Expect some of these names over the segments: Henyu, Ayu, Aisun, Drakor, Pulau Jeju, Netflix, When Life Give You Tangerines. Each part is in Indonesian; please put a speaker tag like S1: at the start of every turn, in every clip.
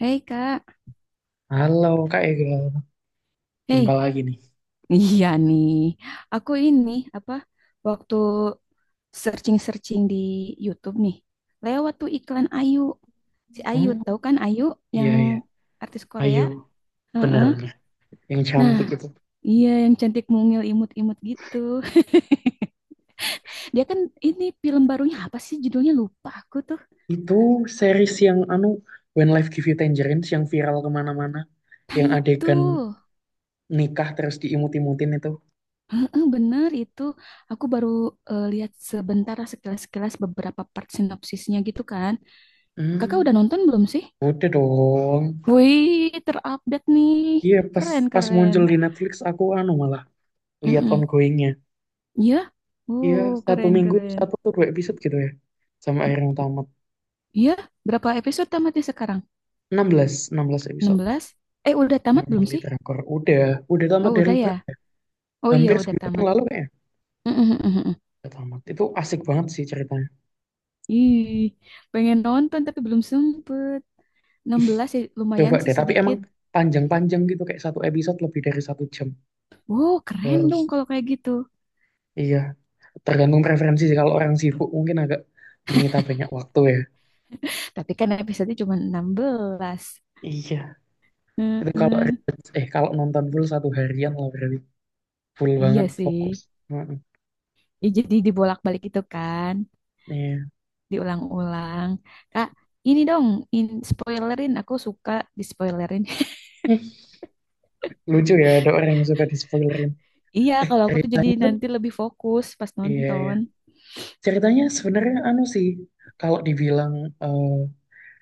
S1: Hei Kak,
S2: Halo Kak Ega, jumpa
S1: hei,
S2: lagi nih.
S1: iya nih, aku ini apa waktu searching-searching di YouTube nih, lewat tuh iklan Ayu, si Ayu
S2: Hmm,
S1: tahu kan Ayu
S2: iya
S1: yang
S2: iya,
S1: artis
S2: Ayu,
S1: Korea. Heeh.
S2: benar-benar yang
S1: Nah
S2: cantik itu.
S1: iya yang cantik mungil imut-imut gitu, dia kan ini film barunya apa sih judulnya lupa aku tuh,
S2: Itu series yang anu When Life Give You Tangerines yang viral kemana-mana,
S1: nah
S2: yang
S1: itu.
S2: adegan nikah terus diimut-imutin itu.
S1: Heeh, bener itu, aku baru lihat sebentar sekilas-sekilas beberapa part sinopsisnya gitu kan, kakak udah
S2: Hmm,
S1: nonton belum sih?
S2: udah dong.
S1: Wih, terupdate nih.
S2: Iya, pas
S1: Keren,
S2: pas
S1: keren.
S2: muncul di Netflix aku anu malah lihat
S1: Mm-mm.
S2: ongoingnya.
S1: Iya?
S2: Iya, satu
S1: Keren,
S2: minggu
S1: keren.
S2: satu atau dua episode gitu ya, sampai akhirnya tamat.
S1: Iya? Berapa episode tamatnya sekarang?
S2: Enam belas episode.
S1: 16? Udah tamat belum
S2: Normally
S1: sih?
S2: Drakor. Udah tamat
S1: Oh,
S2: dari
S1: udah ya? Oh iya,
S2: hampir
S1: udah
S2: sebulan yang
S1: tamat.
S2: lalu, kayaknya
S1: Mm-mm-mm-mm.
S2: udah tamat. Itu asik banget sih ceritanya.
S1: Ih, pengen nonton tapi belum sempet.
S2: Ih,
S1: 16 sih,
S2: coba
S1: lumayan sih
S2: deh, tapi emang
S1: sedikit.
S2: panjang-panjang gitu, kayak satu episode lebih dari 1 jam.
S1: Wow, keren dong
S2: Terus
S1: kalau kayak gitu.
S2: iya, tergantung preferensi sih, kalau orang sibuk mungkin agak menyita banyak waktu ya.
S1: Tapi kan episode cuma 16.
S2: Iya, itu kalau
S1: Heeh.
S2: kalau nonton full satu harian lah, berarti full
S1: Iya
S2: banget fokus.
S1: sih.
S2: Heeh.
S1: Ya, jadi dibolak-balik itu kan.
S2: Iya.
S1: Diulang-ulang. Kak, ini dong, in spoilerin. Aku suka di spoilerin.
S2: Ih, lucu ya ada orang yang suka di spoilerin.
S1: Iya,
S2: Eh
S1: kalau aku tuh jadi
S2: ceritanya tuh
S1: nanti lebih fokus pas
S2: Iya iya,
S1: nonton.
S2: ceritanya sebenarnya anu sih, kalau dibilang eh,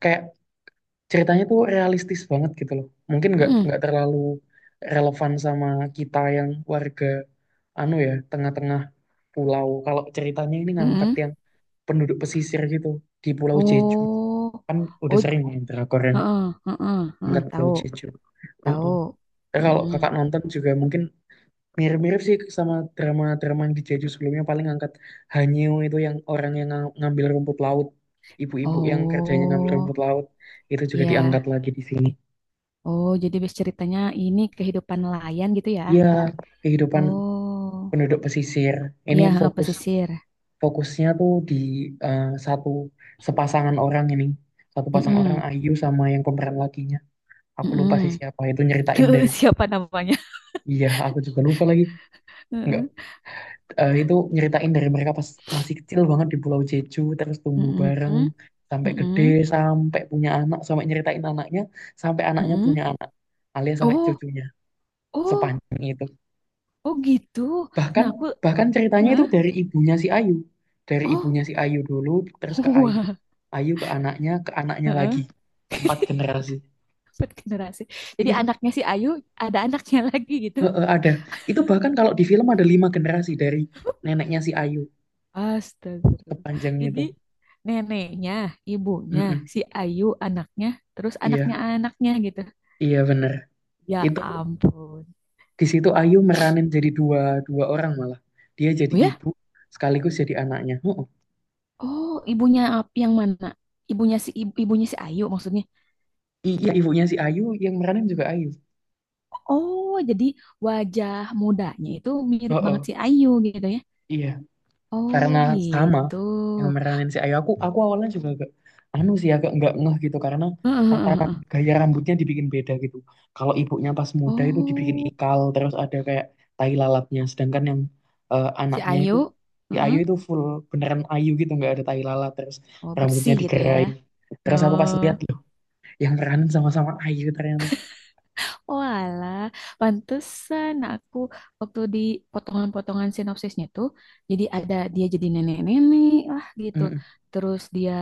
S2: kayak, ceritanya tuh realistis banget gitu loh. Mungkin nggak
S1: Mm-mm,
S2: nggak terlalu relevan sama kita yang warga anu ya, tengah-tengah pulau. Kalau ceritanya ini ngangkat
S1: mm-mm.
S2: yang penduduk pesisir gitu, di Pulau Jeju,
S1: Oh,
S2: kan udah
S1: oh,
S2: sering main drakor yang
S1: heeh, heeh, heeh,
S2: ngangkat Pulau
S1: tahu,
S2: Jeju.
S1: tahu.
S2: Heeh. Ya, kalau kakak
S1: Mm-mm.
S2: nonton juga mungkin mirip-mirip sih sama drama-drama yang di Jeju sebelumnya, paling ngangkat Hanyu itu, yang orang yang ngambil rumput laut, ibu-ibu yang kerjanya ngambil rumput
S1: Oh,
S2: laut, itu juga diangkat
S1: iya.
S2: lagi di sini.
S1: Oh, jadi base ceritanya ini kehidupan nelayan gitu ya?
S2: Iya, kehidupan
S1: Oh,
S2: penduduk pesisir. Ini
S1: iya, heeh, pesisir.
S2: fokusnya tuh di satu sepasangan orang ini. Satu pasang orang
S1: Mm-mm,
S2: Ayu sama yang pemeran lakinya. Aku lupa sih
S1: mm-mm.
S2: siapa itu, nyeritain dari.
S1: Siapa namanya?
S2: Iya, aku juga lupa lagi. Enggak,
S1: Heeh.
S2: itu nyeritain dari mereka pas masih kecil banget di Pulau Jeju, terus tumbuh
S1: Mm-mm,
S2: bareng sampai gede,
S1: mm-mm.
S2: sampai punya anak, sampai nyeritain anaknya, sampai anaknya
S1: Mm-mm.
S2: punya anak, alias sampai
S1: Oh,
S2: cucunya.
S1: oh,
S2: Sepanjang itu.
S1: oh gitu.
S2: Bahkan
S1: Nah, aku,
S2: bahkan ceritanya itu
S1: heeh,
S2: dari
S1: oh,
S2: ibunya si Ayu dulu, terus ke Ayu,
S1: wah,
S2: Ayu ke anaknya, ke anaknya
S1: heeh.
S2: lagi, empat generasi
S1: Empat generasi. Jadi
S2: Iya,
S1: anaknya si Ayu ada anaknya lagi gitu.
S2: heeh, ada. Itu bahkan kalau di film ada 5 generasi, dari neneknya si Ayu,
S1: Astaga.
S2: kepanjangnya
S1: Jadi
S2: itu.
S1: neneknya, ibunya,
S2: Mm-mm.
S1: si Ayu anaknya, terus anaknya
S2: Iya,
S1: anaknya gitu.
S2: iya bener.
S1: Ya
S2: Itu
S1: ampun.
S2: di situ Ayu meranin jadi dua dua orang malah, dia jadi
S1: Oh ya?
S2: ibu sekaligus jadi anaknya. Heeh.
S1: Oh, ibunya yang mana? Ibunya ibunya si Ayu maksudnya.
S2: Iya, ibunya si Ayu yang meranin juga Ayu.
S1: Oh, jadi wajah mudanya itu mirip
S2: Heeh,
S1: banget si Ayu gitu ya.
S2: iya,
S1: Oh
S2: karena sama
S1: gitu.
S2: yang meranin si Ayu, aku awalnya juga agak anu sih, agak nggak ngeh gitu, karena
S1: Heeh, heeh,
S2: tatanan
S1: heeh.
S2: gaya rambutnya dibikin beda gitu. Kalau ibunya pas muda itu dibikin
S1: Oh,
S2: ikal, terus ada kayak tai lalatnya, sedangkan yang
S1: si
S2: anaknya itu,
S1: Ayu.
S2: si Ayu
S1: Heeh.
S2: itu full beneran Ayu gitu, nggak ada tai lalat, terus
S1: Oh,
S2: rambutnya
S1: bersih gitu ya.
S2: digerai. Terus aku pas
S1: Oh,
S2: lihat, loh, yang meranin sama-sama Ayu ternyata.
S1: walah. Pantesan aku waktu di potongan-potongan sinopsisnya tuh, jadi ada dia jadi nenek-nenek lah gitu.
S2: Mm-mm,
S1: Terus dia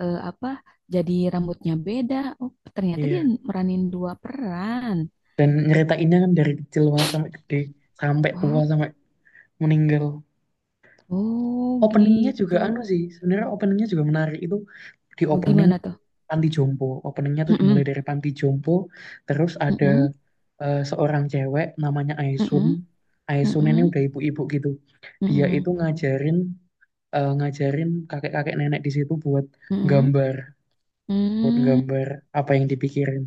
S1: apa? Jadi rambutnya beda. Oh, ternyata dia
S2: iya.
S1: meranin dua peran.
S2: Dan nyeritainnya kan dari kecil banget sampai gede, sampai tua,
S1: Oh,
S2: sampai meninggal.
S1: oh
S2: Openingnya juga
S1: gitu.
S2: anu sih, sebenarnya openingnya juga menarik itu. Di opening
S1: Bagaimana
S2: itu,
S1: tuh?
S2: Panti Jompo, openingnya tuh
S1: Heeh,
S2: dimulai dari Panti Jompo. Terus ada
S1: heeh,
S2: seorang cewek namanya Aisun.
S1: heeh,
S2: Aisun ini
S1: heeh,
S2: udah ibu-ibu gitu, dia
S1: heeh.
S2: itu ngajarin, ngajarin kakek-kakek nenek di situ buat
S1: Mm-mm.
S2: gambar
S1: Mm.
S2: gambar apa yang dipikirin.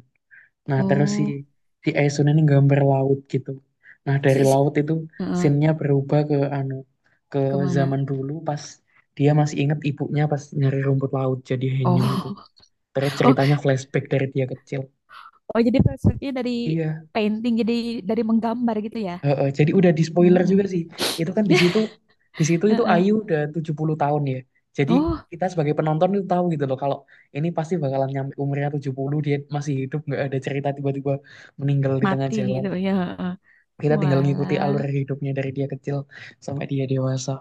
S2: Nah, terus si
S1: Oh,
S2: si Aesun ini gambar laut gitu. Nah, dari
S1: si, si-
S2: laut itu
S1: heeh.
S2: scene-nya berubah ke anu, ke
S1: Kemana?
S2: zaman dulu pas dia masih inget ibunya pas nyari rumput laut jadi Henyu itu.
S1: Oh,
S2: Terus
S1: oh,
S2: ceritanya flashback dari dia kecil.
S1: oh. Jadi perspektifnya dari
S2: Iya,
S1: painting, jadi dari menggambar gitu ya?
S2: heeh, jadi udah di spoiler juga
S1: Mm-mm.
S2: sih. Itu kan di situ di situ itu
S1: Heeh.
S2: Ayu udah 70 tahun ya. Jadi
S1: Oh,
S2: kita sebagai penonton itu tahu gitu loh, kalau ini pasti bakalan nyampe umurnya 70 dia masih hidup, nggak ada cerita tiba-tiba meninggal di tengah
S1: mati
S2: jalan.
S1: gitu ya, heeh.
S2: Kita tinggal ngikuti
S1: Walah,
S2: alur hidupnya dari dia kecil sampai dia dewasa.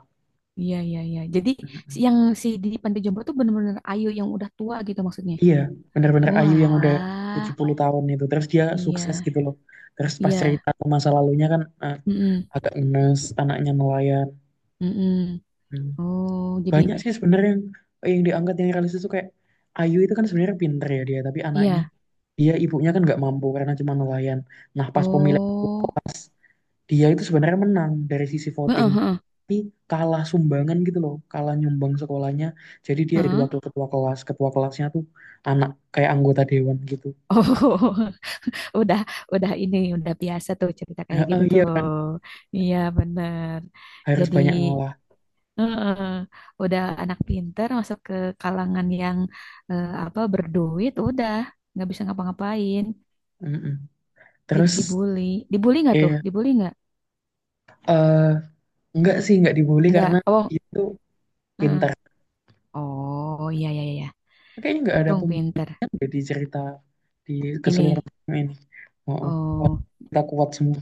S1: iya, iya, iya. Jadi
S2: Mm-mm.
S1: yang si di Panti Jompo tuh bener-bener Ayu yang udah tua gitu maksudnya.
S2: Iya, benar-benar Ayu yang udah
S1: Walah,
S2: 70 tahun itu. Terus dia sukses
S1: iya,
S2: gitu loh. Terus pas
S1: iya.
S2: cerita ke masa lalunya kan,
S1: Mm-mm.
S2: agak ngenes, anaknya nelayan.
S1: Mm-mm.
S2: Hmm.
S1: Oh, jadi
S2: Banyak sih sebenarnya yang diangkat yang realistis tuh, kayak Ayu itu kan sebenarnya pinter ya dia, tapi anaknya,
S1: iya.
S2: dia, ibunya kan nggak mampu karena cuma nelayan. Nah,
S1: Oh,
S2: pas dia itu sebenarnya menang dari sisi voting,
S1: heeh, heeh,
S2: tapi kalah sumbangan gitu loh, kalah nyumbang sekolahnya. Jadi dia jadi
S1: heeh.
S2: wakil ketua kelas, ketua kelasnya tuh anak kayak anggota dewan gitu.
S1: Oh, udah udah ini udah biasa tuh cerita
S2: Ya,
S1: kayak gitu tuh,
S2: iya kan,
S1: iya bener.
S2: harus
S1: Jadi
S2: banyak ngalah.
S1: eh, udah anak pinter masuk ke kalangan yang apa berduit, udah nggak bisa ngapa-ngapain,
S2: Mm-mm.
S1: jadi
S2: Terus
S1: dibully. Dibully nggak tuh?
S2: iya,
S1: Dibully nggak?
S2: eh enggak sih, enggak dibully
S1: Nggak.
S2: karena
S1: Oh
S2: dia tuh
S1: eh.
S2: pintar.
S1: Oh, iya, iya, iya,
S2: Kayaknya enggak ada
S1: untung
S2: pembunuh
S1: pinter
S2: di cerita, di
S1: ini.
S2: keseluruhan film ini. Oh, oh. Wah,
S1: Oh
S2: kita kuat semua.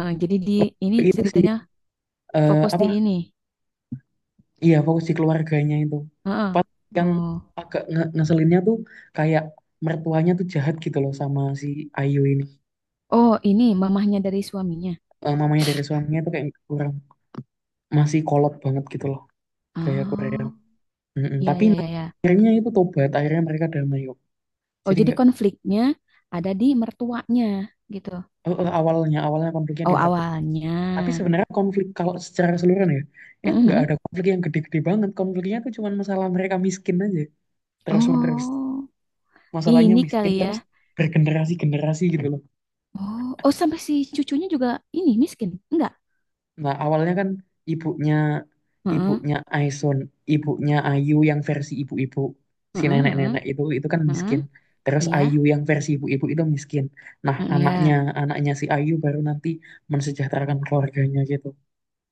S1: jadi di
S2: Lebih
S1: ini
S2: ke itu sih,
S1: ceritanya
S2: eh,
S1: fokus di
S2: apa
S1: ini.
S2: iya, fokus di keluarganya itu.
S1: Heeh.
S2: Pas yang
S1: Oh,
S2: agak ngeselinnya tuh kayak, mertuanya tuh jahat gitu loh sama si Ayu ini.
S1: oh, ini mamahnya dari suaminya.
S2: Mamanya dari suaminya tuh kayak kurang, masih kolot banget gitu loh, kayak Korea.
S1: Oh.
S2: Mm-mm.
S1: Iya,
S2: Tapi
S1: iya, iya, iya.
S2: akhirnya itu tobat, akhirnya mereka damai kok.
S1: Oh,
S2: Jadi
S1: jadi
S2: nggak,
S1: konfliknya ada di mertuanya gitu.
S2: eh, eh, awalnya awalnya konfliknya di
S1: Oh,
S2: mertua. Tapi
S1: awalnya.
S2: sebenarnya konflik kalau secara keseluruhan ya, itu nggak
S1: Mhm.
S2: ada konflik yang gede-gede banget. Konfliknya tuh cuma masalah mereka miskin aja, terus menerus.
S1: Oh,
S2: Masalahnya
S1: ini
S2: miskin
S1: kali ya.
S2: terus bergenerasi-generasi gitu loh.
S1: Oh, oh, sampai si cucunya juga ini miskin. Enggak.
S2: Nah, awalnya kan, ibunya
S1: Heeh.
S2: ibunya Aison, ibunya Ayu yang versi ibu-ibu, si
S1: Heeh, heeh,
S2: nenek-nenek itu kan
S1: heeh.
S2: miskin. Terus
S1: Iya.
S2: Ayu yang versi ibu-ibu itu miskin. Nah,
S1: Heeh,
S2: anaknya
S1: iya.
S2: anaknya si Ayu baru nanti mensejahterakan keluarganya gitu.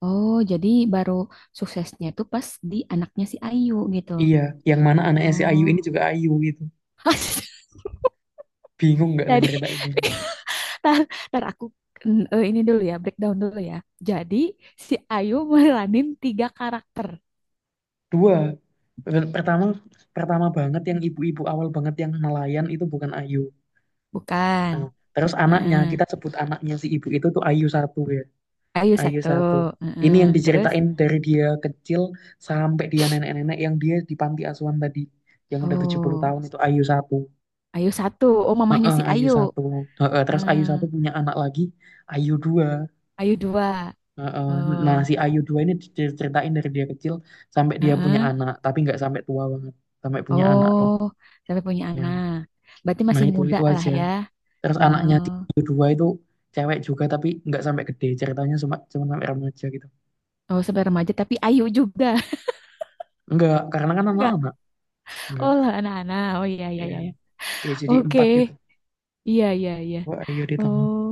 S1: Oh, jadi baru suksesnya tuh pas di anaknya si Ayu gitu.
S2: Iya, yang mana anaknya si Ayu ini
S1: Oh.
S2: juga Ayu gitu. Bingung nggak tuh
S1: Jadi,
S2: cerita ini?
S1: tar, tar aku ini dulu ya, breakdown dulu ya. Jadi si Ayu meranin tiga karakter.
S2: Dua, Per- pertama pertama banget yang ibu-ibu awal banget yang nelayan itu bukan Ayu.
S1: Bukan.
S2: Nah, terus anaknya,
S1: Heeh.
S2: kita sebut anaknya si ibu itu tuh Ayu satu ya.
S1: Ayu
S2: Ayu
S1: satu.
S2: satu. Ini
S1: Heeh.
S2: yang
S1: Terus,
S2: diceritain dari dia kecil sampai dia nenek-nenek yang dia di panti asuhan tadi. Yang udah 70
S1: oh,
S2: tahun itu Ayu satu.
S1: Ayu satu. Oh, mamahnya
S2: Heeh,
S1: si
S2: Ayu
S1: Ayu.
S2: satu. Heeh, terus
S1: Heeh.
S2: Ayu satu punya anak lagi, Ayu dua.
S1: Ayu dua.
S2: Heeh. Nah,
S1: Oh,
S2: si Ayu dua ini diceritain dari dia kecil sampai dia punya
S1: heeh.
S2: anak, tapi nggak sampai tua banget, sampai punya anak tuh.
S1: Oh, sampai punya
S2: Ya.
S1: anak. Berarti
S2: Nah,
S1: masih muda
S2: itu
S1: lah
S2: aja.
S1: ya.
S2: Terus anaknya
S1: Oh,
S2: si Ayu dua itu cewek juga, tapi nggak sampai gede. Ceritanya cuma cuma sampai remaja gitu.
S1: oh, sampai remaja tapi Ayu juga.
S2: Enggak, karena kan
S1: Enggak.
S2: anak-anak. Enggak.
S1: Oh lah anak-anak. Oh, iya, iya, iya, iya.
S2: Ya, jadi
S1: Oke.
S2: empat itu.
S1: Iya, iya, iya.
S2: Wah, ayo di tengah,
S1: Oh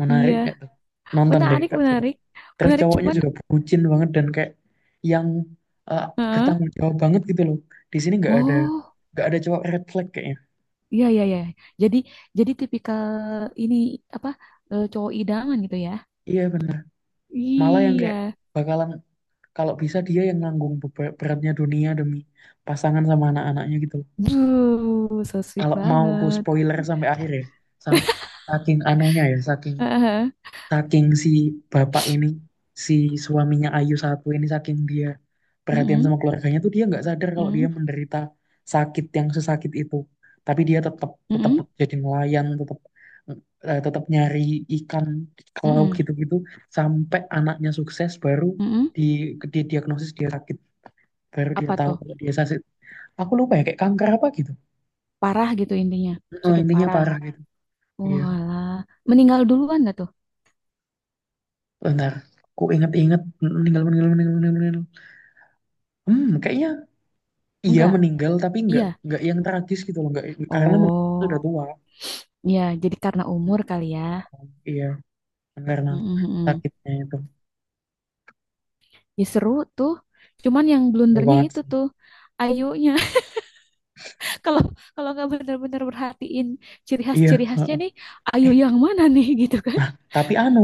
S2: menarik
S1: iya.
S2: nggak tuh, nonton deh
S1: Menarik,
S2: kak, coba.
S1: menarik.
S2: Terus
S1: Menarik
S2: cowoknya
S1: cuman.
S2: juga bucin banget, dan kayak yang eh, bertanggung jawab banget gitu loh. Di sini nggak ada
S1: Oh.
S2: nggak ada cowok red flag kayaknya.
S1: Iya, iya, iya. Jadi, tipikal ini apa, cowok idaman gitu ya?
S2: Iya bener, malah yang, iya,
S1: Iya.
S2: kayak bakalan, kalau bisa dia yang nanggung beratnya dunia demi pasangan sama anak-anaknya gitu loh.
S1: Duh, so sweet
S2: Kalau mau ku
S1: banget.
S2: spoiler sampai akhir ya, sam- saking anunya ya, saking
S1: Heeh.
S2: saking si bapak ini, si suaminya Ayu satu ini, saking dia perhatian
S1: Mm-mm,
S2: sama keluarganya tuh, dia nggak sadar kalau dia
S1: mm,
S2: menderita sakit yang sesakit itu. Tapi dia tetap tetap
S1: mm-mm,
S2: jadi nelayan, tetap nyari ikan ke laut
S1: mm-mm,
S2: gitu-gitu, sampai anaknya sukses baru
S1: mm-mm.
S2: di diagnosis dia sakit, baru dia
S1: Apa
S2: tahu
S1: tuh?
S2: kalau dia sakit. Aku lupa ya, kayak kanker apa gitu.
S1: Parah gitu intinya.
S2: Eh,
S1: Sakit
S2: intinya
S1: parah.
S2: parah gitu. Iya.
S1: Walah. Meninggal duluan nggak tuh?
S2: Bentar, aku inget-inget. Meninggal, meninggal, meninggal, meninggal, meninggal. Hmm, kayaknya iya
S1: Enggak.
S2: meninggal, tapi nggak,
S1: Iya.
S2: yang tragis gitu loh, nggak, karena meninggal itu udah
S1: Oh,
S2: tua.
S1: iya. Jadi karena umur kali ya.
S2: Iya, karena
S1: Mm-mm, mm-mm.
S2: sakitnya itu.
S1: Ya seru tuh. Cuman yang
S2: Bener
S1: blundernya
S2: banget
S1: itu
S2: sih.
S1: tuh. Ayunya. kalau kalau nggak benar-benar perhatiin ciri khas
S2: Iya,
S1: ciri khasnya
S2: heeh.
S1: nih, Ayu
S2: eh
S1: yang mana nih, gitu kan,
S2: nah, tapi anu,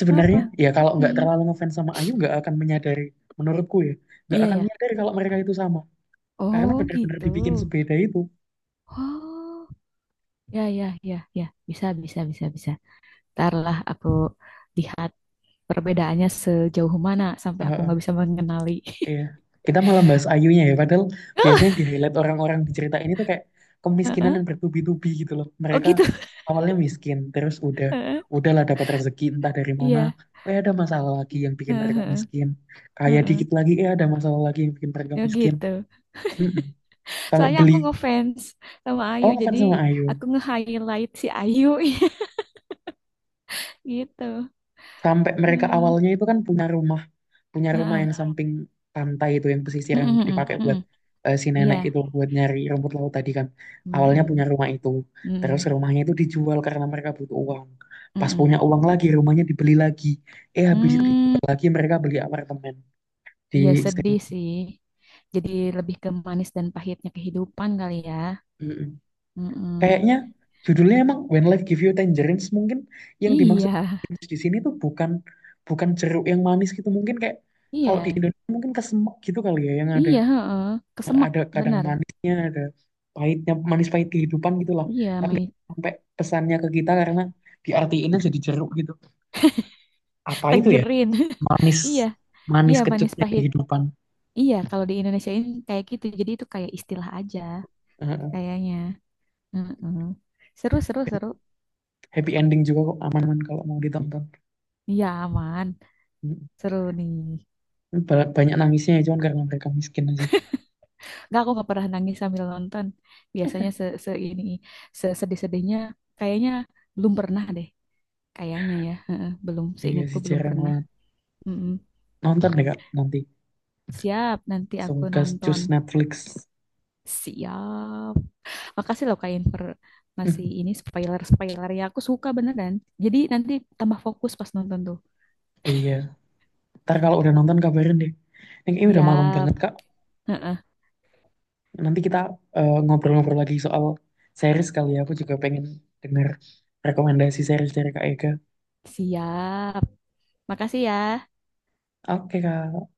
S2: sebenarnya
S1: apa.
S2: ya, kalau nggak
S1: Mm-mm.
S2: terlalu ngefans sama Ayu nggak akan menyadari, menurutku ya, nggak
S1: Iya
S2: akan
S1: ya,
S2: menyadari kalau mereka itu sama, karena
S1: oh
S2: benar-benar
S1: gitu.
S2: dibikin sebeda itu.
S1: Oh, ya, ya, ya, ya, bisa, bisa, bisa, bisa. Tarlah aku lihat perbedaannya sejauh mana sampai aku
S2: Heeh.
S1: nggak bisa mengenali.
S2: Iya. Kita malah bahas Ayunya ya, padahal biasanya yang di highlight orang-orang di cerita ini tuh kayak kemiskinan
S1: Heeh.
S2: yang bertubi-tubi gitu loh.
S1: Oh
S2: Mereka
S1: gitu.
S2: awalnya miskin, terus
S1: Heeh.
S2: udahlah dapat rezeki entah dari mana,
S1: Iya.
S2: eh ada masalah lagi yang bikin mereka
S1: Heeh.
S2: miskin. Kaya
S1: Heeh.
S2: dikit lagi, eh ada masalah lagi yang bikin mereka
S1: Ya
S2: miskin.
S1: gitu,
S2: Mm-mm. Sampai
S1: soalnya
S2: beli,
S1: aku ngefans sama Ayu,
S2: oh fans
S1: jadi
S2: sama Ayu.
S1: aku nge-highlight si Ayu. Gitu.
S2: Sampai mereka
S1: Eh,
S2: awalnya itu kan punya rumah
S1: heeh.
S2: yang samping pantai itu, yang pesisir, yang
S1: Mm-mm, mm-mm,
S2: dipakai buat
S1: mm-mm.
S2: si
S1: Iya.
S2: nenek itu buat nyari rumput laut tadi kan. Awalnya punya
S1: Mm-mm,
S2: rumah itu, terus
S1: mm-mm,
S2: rumahnya itu dijual karena mereka butuh uang. Pas punya
S1: mm-mm.
S2: uang lagi rumahnya dibeli lagi, eh habis itu
S1: Hmm,
S2: dijual lagi mereka beli apartemen di
S1: iya sedih
S2: Sing-.
S1: sih. Jadi lebih ke manis dan pahitnya kehidupan kali ya.
S2: Mm-mm.
S1: Mm-mm.
S2: Kayaknya judulnya emang When Life Give You Tangerines. Mungkin yang dimaksud
S1: Iya,
S2: tangerines di sini tuh bukan, bukan jeruk yang manis gitu, mungkin kayak kalau di
S1: iya,
S2: Indonesia mungkin kesemek gitu kali ya, yang ada
S1: iya, heeh. Kesemek,
S2: ada kadang
S1: benar.
S2: manisnya, ada pahitnya, manis pahit kehidupan gitulah.
S1: Iya,
S2: Tapi
S1: mi-
S2: sampai pesannya ke kita, karena diartiinnya jadi jeruk gitu, apa itu ya,
S1: Tangerine.
S2: manis
S1: Iya, iya
S2: manis
S1: manis
S2: kecutnya
S1: pahit.
S2: kehidupan.
S1: Iya, kalau di Indonesia ini kayak gitu. Jadi itu kayak istilah aja
S2: Heeh.
S1: kayaknya. Heeh. Seru, seru, seru.
S2: Happy ending juga kok, aman-aman kalau mau ditonton.
S1: Iya, aman.
S2: Mm.
S1: Seru nih.
S2: Banyak nangisnya ya, cuman karena mereka miskin aja.
S1: Nggak, aku nggak pernah nangis sambil nonton. Biasanya se, ini sedih-sedihnya kayaknya belum pernah deh. Kayaknya ya, heeh, belum
S2: Iya
S1: seingatku
S2: sih,
S1: belum
S2: jarang
S1: pernah.
S2: banget.
S1: Mm-mm.
S2: Nonton deh kak nanti,
S1: Siap, nanti
S2: langsung
S1: aku
S2: gas cus
S1: nonton.
S2: Netflix.
S1: Siap. Makasih loh Kak Inver, masih ini spoiler-spoiler ya, aku suka beneran. Jadi nanti tambah fokus pas nonton tuh.
S2: Iya, ntar kalau udah nonton kabarin deh. Ini kayaknya udah malam
S1: Siap.
S2: banget kak.
S1: Heeh,
S2: Nanti kita ngobrol-ngobrol lagi soal series kali ya. Aku juga pengen dengar rekomendasi series dari Kak Ega.
S1: siap. Makasih ya.
S2: Oke, Kak.